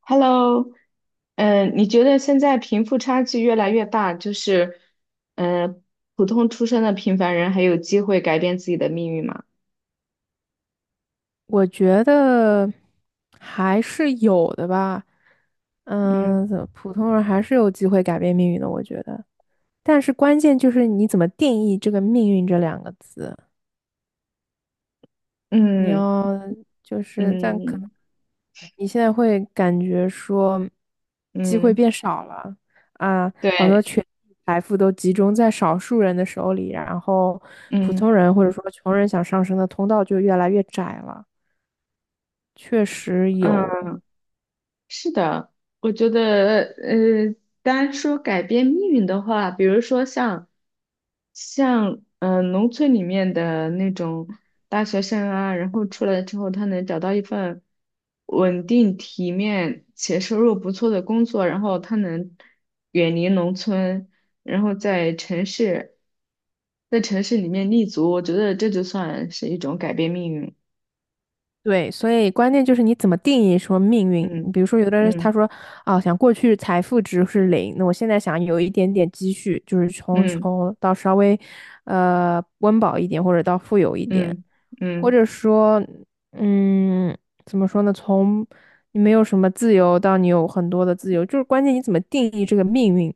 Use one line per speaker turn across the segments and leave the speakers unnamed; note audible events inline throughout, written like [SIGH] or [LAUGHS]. Hello，你觉得现在贫富差距越来越大，就是嗯，呃普通出身的平凡人还有机会改变自己的命运吗？
我觉得还是有的吧。
嗯
嗯，怎么普通人还是有机会改变命运的，我觉得。但是关键就是你怎么定义这个"命运"这两个字。你
嗯
要就是，但可能
嗯
你现在会感觉说机会
嗯，
变少了啊，好多
对，
权力财富都集中在少数人的手里，然后普
嗯
通人或者说穷人想上升的通道就越来越窄了。确实有。
嗯。是的，我觉得，单说改变命运的话，比如说像农村里面的那种大学生啊，然后出来之后，他能找到一份稳定、体面且收入不错的工作，然后他能远离农村，然后在城市里面立足，我觉得这就算是一种改变命运。
对，所以关键就是你怎么定义说命运。
嗯
比如说，有的人
嗯
他说啊，想过去财富值是零，那我现在想有一点点积蓄，就是从
嗯
穷到稍微温饱一点，或者到富有一点。
嗯
或
嗯。
者说，嗯，怎么说呢？从你没有什么自由到你有很多的自由，就是关键你怎么定义这个命运，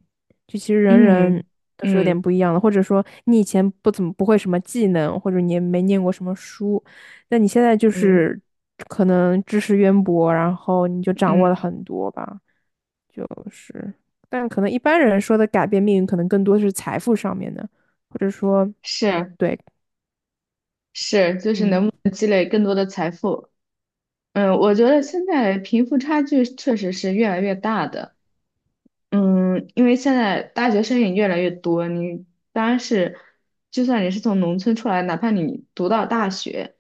就其实人人
嗯
都是有点
嗯
不一样的。或者说，你以前不怎么不会什么技能，或者你也没念过什么书，那你现在就
嗯
是可能知识渊博，然后你就掌握了
嗯，
很多吧，就是。但可能一般人说的改变命运，可能更多是财富上面的，或者说，
是
对，
是，就是
嗯，
能不能积累更多的财富？我觉得现在贫富差距确实是越来越大的。因为现在大学生也越来越多，你当然是，就算你是从农村出来，哪怕你读到大学，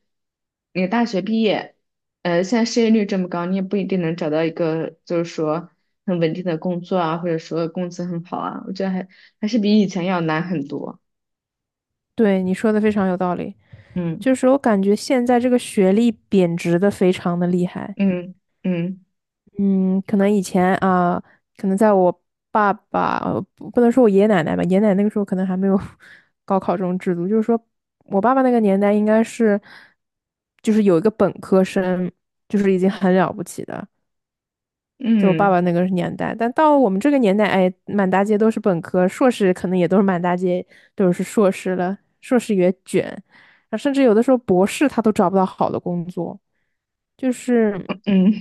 你大学毕业，现在失业率这么高，你也不一定能找到一个就是说很稳定的工作啊，或者说工资很好啊，我觉得还是比以前要难很多。
对，你说的非常有道理。
嗯。
就是我感觉现在这个学历贬值的非常的厉害。
嗯嗯
嗯，可能以前啊，可能在我爸爸，呃不不能说我爷爷奶奶吧，爷爷奶奶那个时候可能还没有 [LAUGHS] 高考这种制度，就是说我爸爸那个年代应该是，就是有一个本科生，就是已经很了不起的，在我爸
嗯
爸那个年代。但到我们这个年代，哎，满大街都是本科，硕士可能也都是满大街都是硕士了，硕士也卷，啊甚至有的时候博士他都找不到好的工作。就是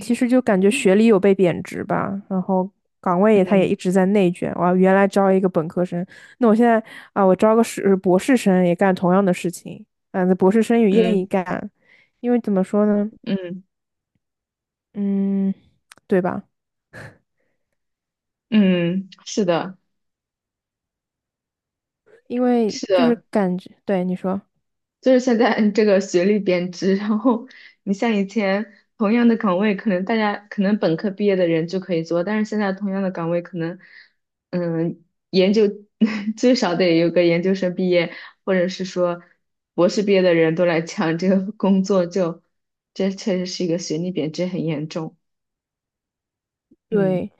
其实就感觉学历有被贬值吧，然后岗位
嗯
也它也
嗯
一直在内卷。我原来招一个本科生，那我现在啊，我招个是博士生也干同样的事情，嗯、那博士生也愿意
嗯
干，因为怎么说呢，
嗯，
嗯，对吧？
嗯是的，
因为
是
就是
的，
感觉，对你说。
就是现在这个学历贬值，然后你像以前同样的岗位，可能大家可能本科毕业的人就可以做，但是现在同样的岗位，可能嗯研究 [LAUGHS] 最少得有个研究生毕业，或者是说博士毕业的人都来抢这个工作就，这确实是一个学历贬值很严重，嗯
对，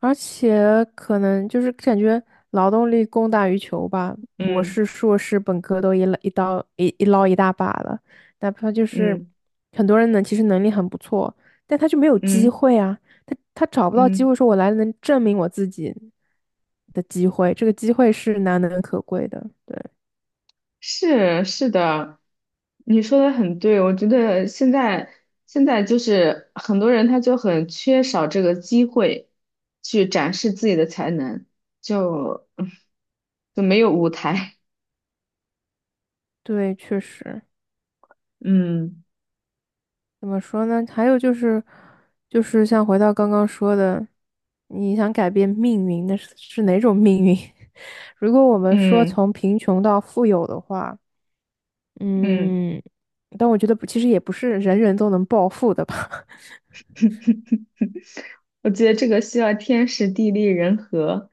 而且可能就是感觉劳动力供大于求吧，博
嗯
士、硕士、本科都一捞一大把了，哪怕就是
嗯
很多人呢，其实能力很不错，但他就没有
嗯
机
嗯。
会啊，他找不到机
嗯
会，说我来能证明我自己的机会，这个机会是难能可贵的，对
是是的，你说的很对，我觉得现在就是很多人他就很缺少这个机会去展示自己的才能，就 [LAUGHS] 就没有舞台，
对，确实。
[LAUGHS] 嗯
怎么说呢？还有就是，就是像回到刚刚说的，你想改变命运，那是哪种命运？[LAUGHS] 如果我们说
嗯
从贫穷到富有的话，
嗯。
嗯，但我觉得不其实也不是人人都能暴富的吧，
我觉得这个需要天时地利人和，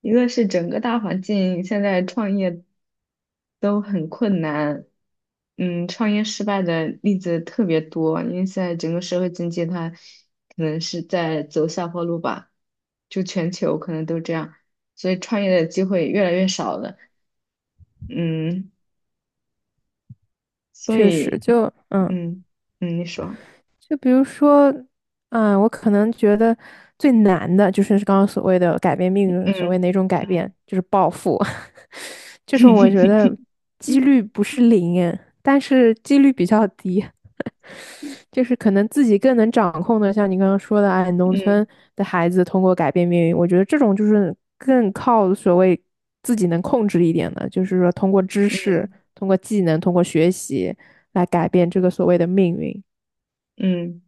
一个是整个大环境现在创业都很困难，创业失败的例子特别多，因为现在整个社会经济它可能是在走下坡路吧，就全球可能都这样，所以创业的机会越来越少了，嗯，
[LAUGHS]
所
确
以，
实就嗯。
嗯嗯，你说，
就比如说，嗯，我可能觉得最难的就是刚刚所谓的改变命运，所谓
嗯
哪种改变，
嗯
就是暴富，[LAUGHS] 这种我觉得
[LAUGHS]
几率不是零耶但是几率比较低，就是可能自己更能掌控的，像你刚刚说的，哎，农
嗯
村的孩子通过改变命运，我觉得这种就是更靠所谓自己能控制一点的，就是说通过知识、
嗯
通过技能、通过学习来改变这个所谓的命运。
嗯，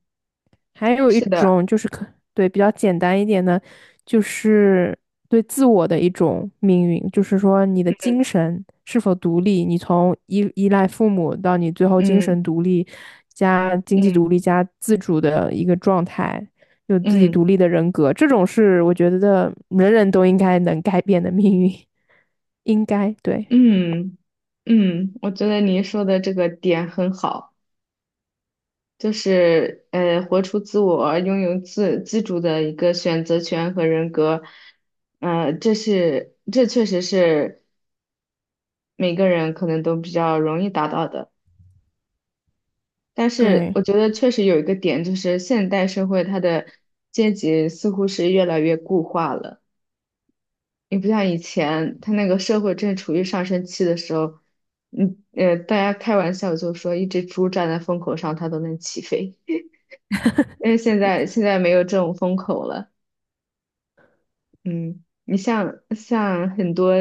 还有一
是的。
种就是可，对，比较简单一点的，就是对自我的一种命运，就是说你的精神是否独立，你从依赖父母到你最后精
嗯
神独立加经济独
嗯
立加自主的一个状态，有自己
嗯
独立的人格，这种是我觉得人人都应该能改变的命运，应该，对，
嗯嗯，我觉得您说的这个点很好，就是活出自我，拥有自主的一个选择权和人格，这确实是每个人可能都比较容易达到的。但是
对，
我觉得确实有一个点，就是现代社会它的阶级似乎是越来越固化了。你不像以前，他那个社会正处于上升期的时候，大家开玩笑就说一只猪站在风口上，它都能起飞。[LAUGHS] 但是现在没有这种风口了，嗯，你像很多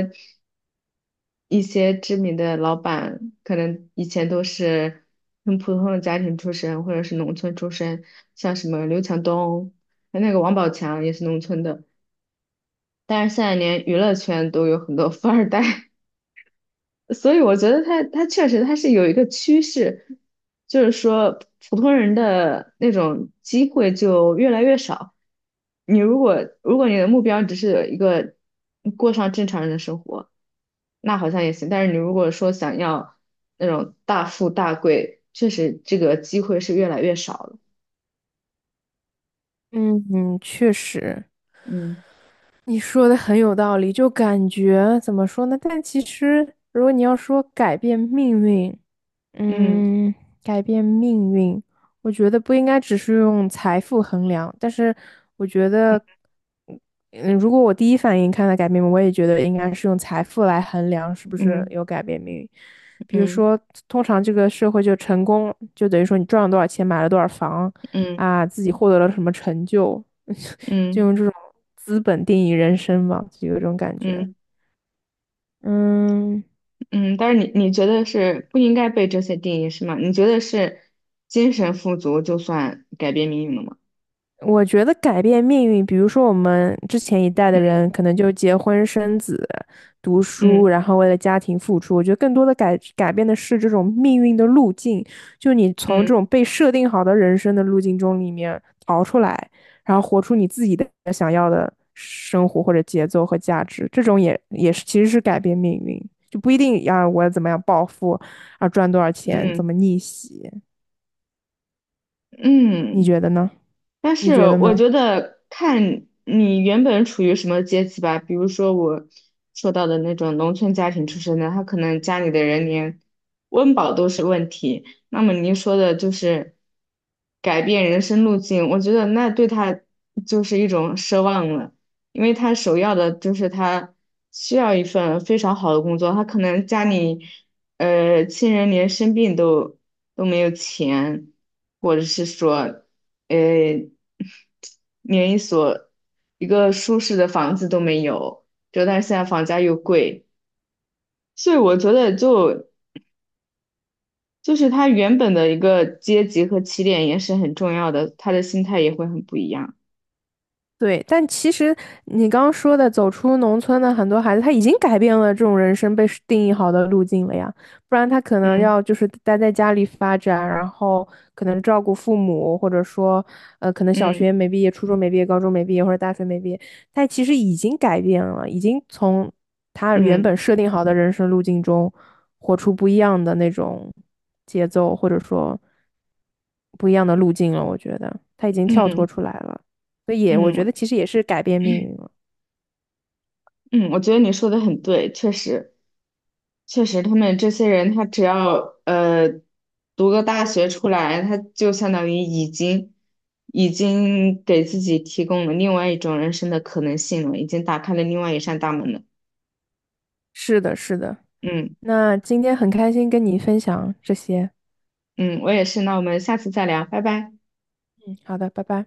一些知名的老板，可能以前都是很普通的家庭出身，或者是农村出身，像什么刘强东，那个王宝强也是农村的，但是现在连娱乐圈都有很多富二代。所以我觉得他确实他是有一个趋势，就是说普通人的那种机会就越来越少。你如果你的目标只是一个过上正常人的生活，那好像也行。但是你如果说想要那种大富大贵，确实这个机会是越来越少了。
嗯嗯，确实。
嗯
你说的很有道理，就感觉怎么说呢？但其实，如果你要说改变命运，
嗯
嗯，改变命运，我觉得不应该只是用财富衡量，但是我觉得，嗯，嗯如果我第一反应看到改变命运，我也觉得应该是用财富来衡量是不是
嗯
有改变命运。比如
嗯
说，通常这个社会就成功，就等于说你赚了多少钱，买了多少房，
嗯
啊，自己获得了什么成就，[LAUGHS] 就
嗯
用这种资本定义人生嘛，就有这种感
嗯
觉。
嗯。
嗯。
嗯，但是你觉得是不应该被这些定义是吗？你觉得是精神富足就算改变命运了吗？
我觉得改变命运，比如说我们之前一代的人，可能就结婚生子、读书，
嗯
然后为了家庭付出。我觉得更多的改变的是这种命运的路径，就你从这
嗯
种被设定好的人生的路径中里面逃出来，然后活出你自己的想要的生活或者节奏和价值。这种也也是其实是改变命运，就不一定要我怎么样暴富啊，赚多少钱，怎
嗯
么逆袭。你
嗯。
觉得呢？
但
你
是
觉得
我
呢？
觉得看你原本处于什么阶级吧，比如说我说到的那种农村家庭出身的，他可能家里的人连温饱都是问题。那么您说的就是改变人生路径，我觉得那对他就是一种奢望了，因为他首要的就是他需要一份非常好的工作，他可能家里亲人连生病都没有钱。或者是说呃，连一个舒适的房子都没有，就但是现在房价又贵，所以我觉得就是他原本的一个阶级和起点也是很重要的，他的心态也会很不一样。
对，但其实你刚刚说的走出农村的很多孩子，他已经改变了这种人生被是定义好的路径了呀，不然他可能
嗯
要就是待在家里发展，然后可能照顾父母，或者说，呃，可能小学
嗯
没毕业、初中没毕业、高中没毕业或者大学没毕业，他其实已经改变了，已经从他原本
嗯
设定好的人生路径中活出不一样的那种节奏，或者说不一样的路径了。我觉得他已经跳脱
嗯
出来了。所以也我觉
嗯
得其实也是改变命运了。
嗯，我觉得你说的很对，确实。确实，他们这些人，他只要读个大学出来，他就相当于已经给自己提供了另外一种人生的可能性了，已经打开了另外一扇大门了。
是的，是的。
嗯
那今天很开心跟你分享这些。
嗯，我也是。那我们下次再聊，拜拜。
嗯，好的，拜拜。